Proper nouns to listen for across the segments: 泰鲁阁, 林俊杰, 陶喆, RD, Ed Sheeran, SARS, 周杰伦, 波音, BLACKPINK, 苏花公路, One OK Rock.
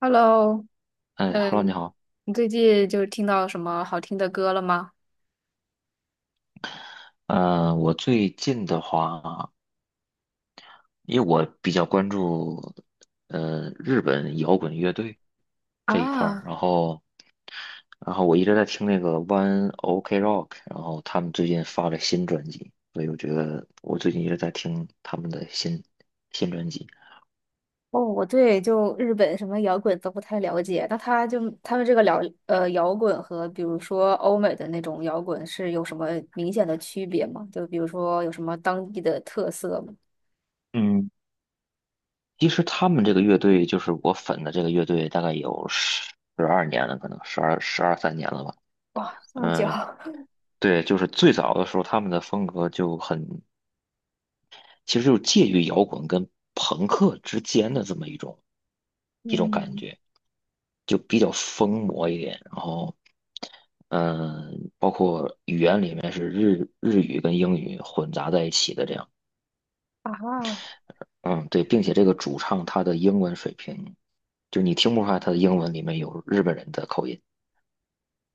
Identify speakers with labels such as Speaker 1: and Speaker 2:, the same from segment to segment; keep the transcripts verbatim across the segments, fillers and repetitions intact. Speaker 1: Hello，
Speaker 2: 嗯，Hello，你
Speaker 1: 嗯，
Speaker 2: 好。
Speaker 1: 你最近就听到什么好听的歌了吗？
Speaker 2: 呃，我最近的话，因为我比较关注呃日本摇滚乐队这一块儿，
Speaker 1: 啊。
Speaker 2: 然后然后我一直在听那个 One OK Rock，然后他们最近发了新专辑，所以我觉得我最近一直在听他们的新新专辑。
Speaker 1: 哦，我对就日本什么摇滚都不太了解，那他就他们这个了，呃摇滚和比如说欧美的那种摇滚是有什么明显的区别吗？就比如说有什么当地的特色吗？
Speaker 2: 嗯，其实他们这个乐队就是我粉的这个乐队，大概有十二年了，可能十二十二三年了吧。
Speaker 1: 哇，这么久。
Speaker 2: 嗯，对，就是最早的时候，他们的风格就很其实就是介于摇滚跟朋克之间的这么一种 一种感
Speaker 1: 嗯。
Speaker 2: 觉，就比较疯魔一点。然后，嗯，包括语言里面是日日语跟英语混杂在一起的这样。
Speaker 1: 啊。
Speaker 2: 嗯，对，并且这个主唱他的英文水平，就你听不出来他的英文里面有日本人的口音。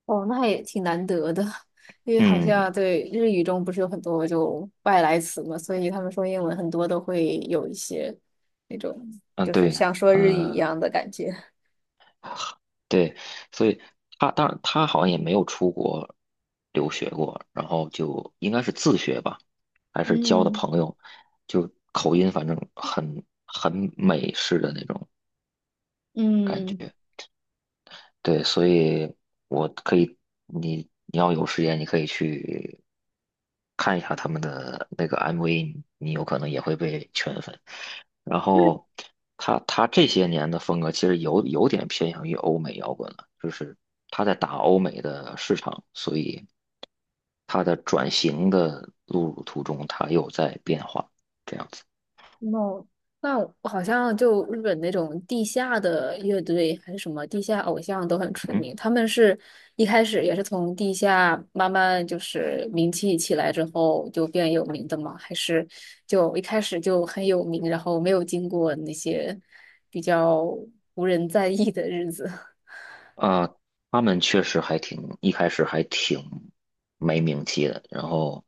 Speaker 1: 哦，那也挺难得的，因为好
Speaker 2: 嗯
Speaker 1: 像对日语中不是有很多就外来词嘛，所以他们说英文很多都会有一些那种，
Speaker 2: 嗯，
Speaker 1: 就是
Speaker 2: 对，
Speaker 1: 像说日语一
Speaker 2: 呃，
Speaker 1: 样的感觉。
Speaker 2: 对，所以他当然他好像也没有出国留学过，然后就应该是自学吧，还是交的
Speaker 1: 嗯
Speaker 2: 朋友，就口音反正很很美式的那种感
Speaker 1: 嗯。
Speaker 2: 觉。对，所以我可以，你你要有时间，你可以去看一下他们的那个 M V，你有可能也会被圈粉。然后他他这些年的风格其实有有点偏向于欧美摇滚了，就是他在打欧美的市场，所以他的转型的路途中，他又在变化，这样子。
Speaker 1: 哦，那我好像就日本那种地下的乐队还是什么地下偶像都很出
Speaker 2: 嗯。
Speaker 1: 名，他们是一开始也是从地下慢慢就是名气起来之后就变有名的吗？还是就一开始就很有名，然后没有经过那些比较无人在意的日子？
Speaker 2: 啊，他们确实还挺，一开始还挺没名气的。然后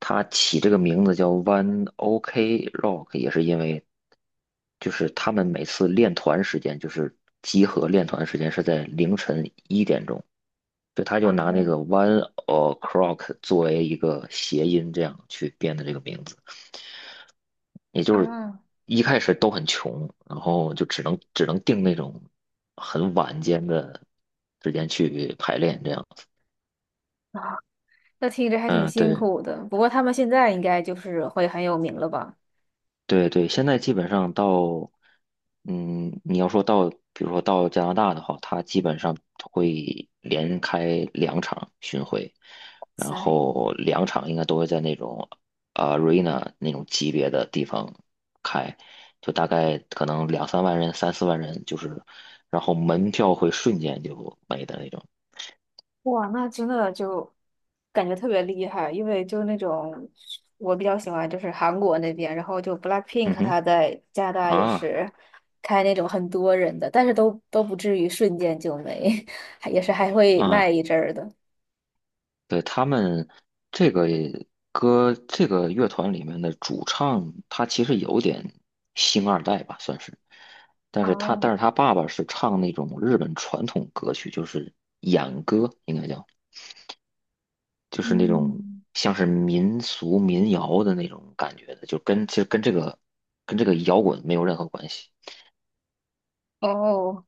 Speaker 2: 他起这个名字叫 One OK Rock，也是因为就是他们每次练团时间，就是集合练团时间是在凌晨一点钟，就他就拿那
Speaker 1: 哦。
Speaker 2: 个 One O'clock 作为一个谐音，这样去编的这个名字。也就是
Speaker 1: 啊。
Speaker 2: 一开始都很穷，然后就只能只能定那种很晚间的时间去排练这样子。
Speaker 1: 啊，那听着还挺
Speaker 2: 嗯，
Speaker 1: 辛
Speaker 2: 对，
Speaker 1: 苦的。不过他们现在应该就是会很有名了吧？
Speaker 2: 对对，现在基本上到，嗯，你要说到，比如说到加拿大的话，它基本上会连开两场巡回，然
Speaker 1: 塞。
Speaker 2: 后两场应该都会在那种呃 arena 那种级别的地方开，就大概可能两三万人、三四万人，就是，然后门票会瞬间就没的那种。
Speaker 1: 哇，那真的就感觉特别厉害，因为就那种我比较喜欢就是韩国那边，然后就 BLACKPINK
Speaker 2: 嗯哼，
Speaker 1: 他在加拿大也
Speaker 2: 啊
Speaker 1: 是开那种很多人的，但是都都不至于瞬间就没，还也是还会卖
Speaker 2: 啊。
Speaker 1: 一阵儿的。
Speaker 2: 对，他们这个歌，这个乐团里面的主唱，他其实有点星二代吧，算是。但是他，
Speaker 1: 啊。
Speaker 2: 但是他爸爸是唱那种日本传统歌曲，就是演歌，应该叫，就是那种
Speaker 1: 嗯。
Speaker 2: 像是民俗民谣的那种感觉的，就跟其实跟这个跟这个摇滚没有任何关系。
Speaker 1: 哦，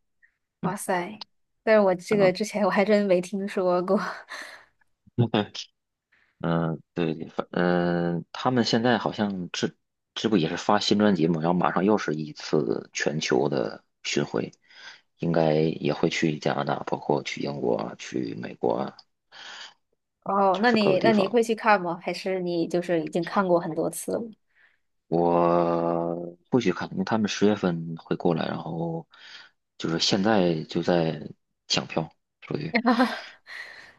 Speaker 2: 嗯
Speaker 1: 哇塞！但是我这个
Speaker 2: 嗯，
Speaker 1: 之前我还真没听说过。
Speaker 2: 嗯，对，反嗯，他们现在好像这这不也是发新专辑嘛，然后马上又是一次全球的巡回，应该也会去加拿大，包括去英国啊、去美国啊，
Speaker 1: 哦，
Speaker 2: 就
Speaker 1: 那
Speaker 2: 是各个
Speaker 1: 你
Speaker 2: 地
Speaker 1: 那你
Speaker 2: 方。
Speaker 1: 会去看吗？还是你就是已经看过很多次了？
Speaker 2: 我不去看，因为他们十月份会过来，然后就是现在就在抢票，属于。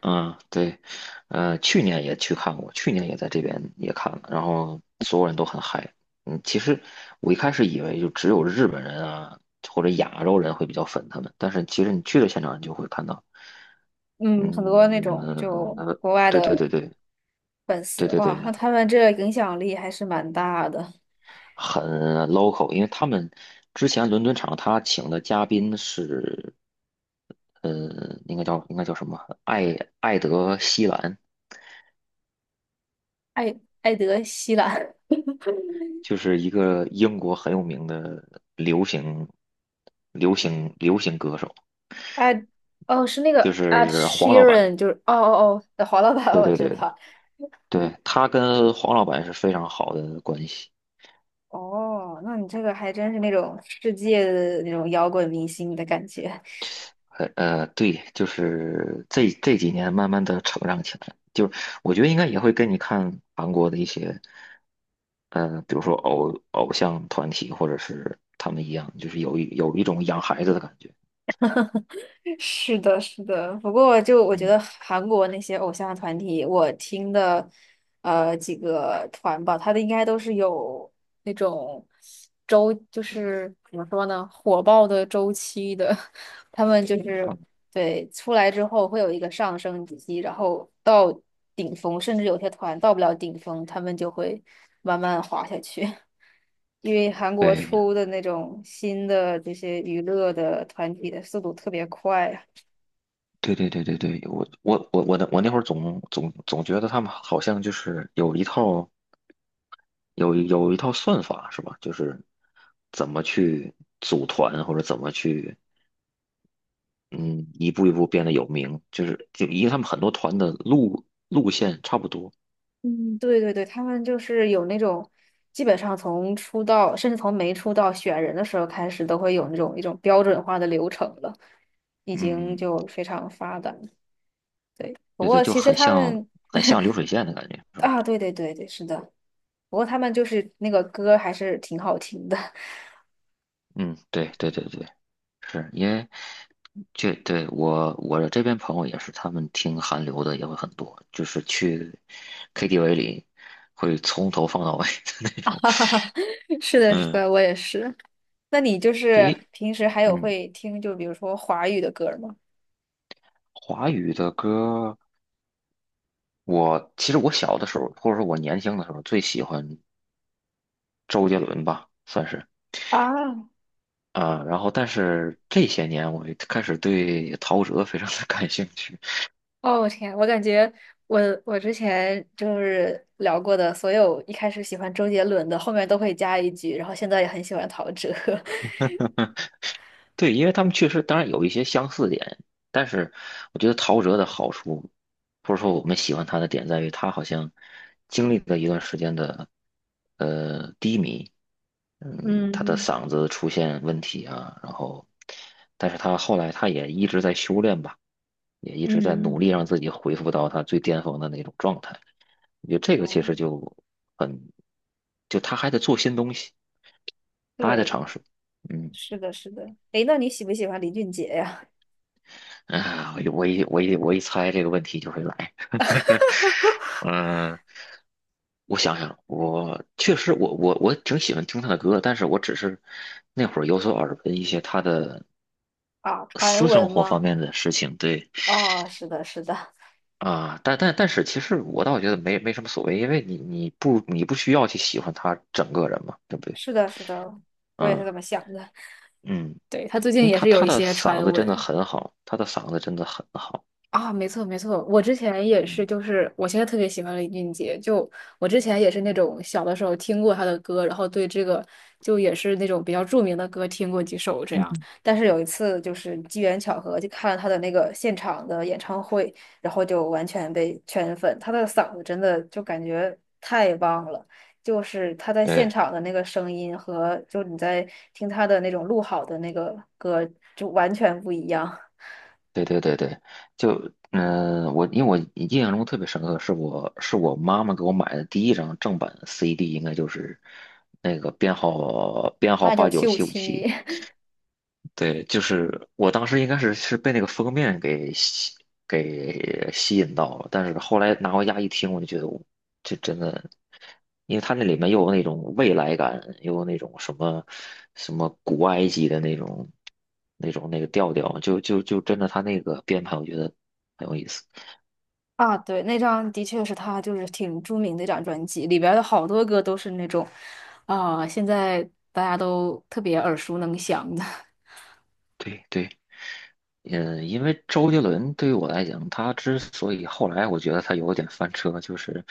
Speaker 2: 嗯，对，呃，去年也去看过，去年也在这边也看了，然后所有人都很嗨。嗯，其实我一开始以为就只有日本人啊或者亚洲人会比较粉他们，但是其实你去了现场，你就会看到，
Speaker 1: 嗯，很多那
Speaker 2: 嗯，
Speaker 1: 种就
Speaker 2: 呃
Speaker 1: 国外
Speaker 2: 对对
Speaker 1: 的
Speaker 2: 对对
Speaker 1: 粉
Speaker 2: 对
Speaker 1: 丝
Speaker 2: 对对，
Speaker 1: 哇，那他们这影响力还是蛮大的。
Speaker 2: 很 local，因为他们之前伦敦场他请的嘉宾是，呃，应该叫应该叫什么？艾艾德希兰，
Speaker 1: 艾，艾德希兰。
Speaker 2: 就是一个英国很有名的流行、流行、流行歌手，
Speaker 1: 艾，哦是那个
Speaker 2: 就
Speaker 1: Ed s
Speaker 2: 是
Speaker 1: h
Speaker 2: 黄
Speaker 1: e
Speaker 2: 老
Speaker 1: r a
Speaker 2: 板。
Speaker 1: n 就是哦哦哦，黄老板
Speaker 2: 对
Speaker 1: 我
Speaker 2: 对
Speaker 1: 知
Speaker 2: 对的，
Speaker 1: 道。
Speaker 2: 对，他跟黄老板是非常好的关系。
Speaker 1: 哦，那你这个还真是那种世界的那种摇滚明星的感觉。
Speaker 2: 呃呃，对，就是这这几年慢慢的成长起来，就是我觉得应该也会跟你看韩国的一些，呃，比如说偶偶像团体或者是他们一样，就是有一有一种养孩子的感觉。
Speaker 1: 是的，是的。不过就我觉得
Speaker 2: 嗯，
Speaker 1: 韩国那些偶像团体，我听的呃几个团吧，他的应该都是有那种周，就是怎么说呢，火爆的周期的。他们就是
Speaker 2: 啊，
Speaker 1: 对出来之后会有一个上升期，然后到顶峰，甚至有些团到不了顶峰，他们就会慢慢滑下去。因为韩国
Speaker 2: 对。
Speaker 1: 出的那种新的这些娱乐的团体的速度特别快啊。
Speaker 2: 对对对对对，我我我我那我那会儿总总总觉得他们好像就是有一套有有一套算法是吧？就是怎么去组团或者怎么去嗯一步一步变得有名，就是就因为他们很多团的路路线差不多，
Speaker 1: 嗯，对对对，他们就是有那种，基本上从出道，甚至从没出道选人的时候开始，都会有那种一种标准化的流程了，已经
Speaker 2: 嗯，
Speaker 1: 就非常发达了。不
Speaker 2: 对对，
Speaker 1: 过
Speaker 2: 就
Speaker 1: 其实
Speaker 2: 很
Speaker 1: 他
Speaker 2: 像
Speaker 1: 们
Speaker 2: 很像流水线的感觉是吧？
Speaker 1: 啊，对对对对，是的。不过他们就是那个歌还是挺好听的。
Speaker 2: 嗯，对对对对。是因为这对我我这边朋友也是，他们听韩流的也会很多，就是去 K T V 里会从头放到尾的那种。
Speaker 1: 哈哈哈，是的，是
Speaker 2: 嗯，
Speaker 1: 的，我也是。那你就
Speaker 2: 对
Speaker 1: 是
Speaker 2: 于
Speaker 1: 平时还有
Speaker 2: 嗯
Speaker 1: 会听，就比如说华语的歌吗？
Speaker 2: 华语的歌，我其实我小的时候，或者说我年轻的时候，最喜欢周杰伦吧，算是
Speaker 1: 啊。
Speaker 2: 啊。然后，但是这些年我开始对陶喆非常的感兴趣。
Speaker 1: 哦，我天，我感觉我我之前就是聊过的所有一开始喜欢周杰伦的，后面都会加一句，然后现在也很喜欢陶喆。
Speaker 2: 对，因为他们确实当然有一些相似点，但是我觉得陶喆的好处，或者说我们喜欢他的点在于，他好像经历了一段时间的呃低迷，嗯，他的
Speaker 1: 嗯
Speaker 2: 嗓子出现问题啊，然后，但是他后来他也一直在修炼吧，也一直在努
Speaker 1: 嗯。
Speaker 2: 力让自己恢复到他最巅峰的那种状态。我觉得这个
Speaker 1: 哦，
Speaker 2: 其实就很，就他还得做新东西，他还在
Speaker 1: 对。
Speaker 2: 尝试，嗯。
Speaker 1: 是的，是的。诶，那你喜不喜欢林俊杰呀？
Speaker 2: 啊，我一我一我一我一猜这个问题就会来。嗯，我想想，我确实我我我挺喜欢听他的歌，但是我只是那会儿有所耳闻一些他的
Speaker 1: 啊，传
Speaker 2: 私生
Speaker 1: 闻
Speaker 2: 活方
Speaker 1: 吗？
Speaker 2: 面的事情。对
Speaker 1: 哦，是的，是的，
Speaker 2: 啊，但但但是其实我倒觉得没没什么所谓，因为你你不你不需要去喜欢他整个人嘛，对不对？
Speaker 1: 是的，是的，我也是
Speaker 2: 嗯
Speaker 1: 这么想的。
Speaker 2: 嗯，
Speaker 1: 对，他最
Speaker 2: 因
Speaker 1: 近
Speaker 2: 为
Speaker 1: 也
Speaker 2: 他
Speaker 1: 是有
Speaker 2: 他
Speaker 1: 一
Speaker 2: 的
Speaker 1: 些
Speaker 2: 嗓
Speaker 1: 传
Speaker 2: 子真的
Speaker 1: 闻。
Speaker 2: 很好，他的嗓子真的很好。
Speaker 1: 啊，没错没错，我之前也是，
Speaker 2: 嗯
Speaker 1: 就是我现在特别喜欢林俊杰，就我之前也是那种小的时候听过他的歌，然后对这个就也是那种比较著名的歌听过几首这样，
Speaker 2: 嗯，
Speaker 1: 但是有一次就是机缘巧合，就看了他的那个现场的演唱会，然后就完全被圈粉，他的嗓子真的就感觉太棒了。就是他在现
Speaker 2: 对。
Speaker 1: 场的那个声音和就你在听他的那种录好的那个歌就完全不一样。
Speaker 2: 对对对对，就嗯、呃我因为我印象中特别深刻，是我是我妈妈给我买的第一张正版 C D，应该就是那个编号编 号
Speaker 1: 八九
Speaker 2: 八
Speaker 1: 七
Speaker 2: 九
Speaker 1: 五
Speaker 2: 七五
Speaker 1: 七。
Speaker 2: 七，对，就是我当时应该是是被那个封面给吸给吸引到了，但是后来拿回家一听，我就觉得我这真的，因为它那里面又有那种未来感，又有那种什么什么古埃及的那种那种那个调调，就就就真的它那个编排，我觉得很有意思。
Speaker 1: 啊，对，那张的确是他就是挺著名的一张专辑，里边儿的好多歌都是那种，啊、现在大家都特别耳熟能详的。
Speaker 2: 对对，嗯，因为周杰伦对于我来讲，他之所以后来我觉得他有点翻车，就是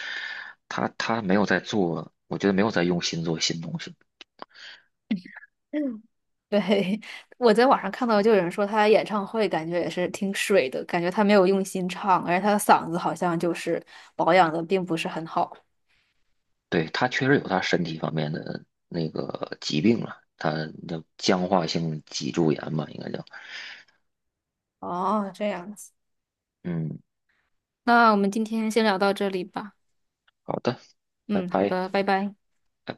Speaker 2: 他他没有在做，我觉得没有在用心做新东西。
Speaker 1: 嗯，对，我在网上看到，就有人说他演唱会感觉也是挺水的，感觉他没有用心唱，而且他的嗓子好像就是保养的并不是很好。
Speaker 2: 对，他确实有他身体方面的那个疾病了，他的僵化性脊柱炎吧，应该叫。
Speaker 1: 哦，这样子，
Speaker 2: 嗯，
Speaker 1: 那我们今天先聊到这里吧。
Speaker 2: 好的，拜
Speaker 1: 嗯，好
Speaker 2: 拜。
Speaker 1: 的，拜拜。
Speaker 2: 拜拜。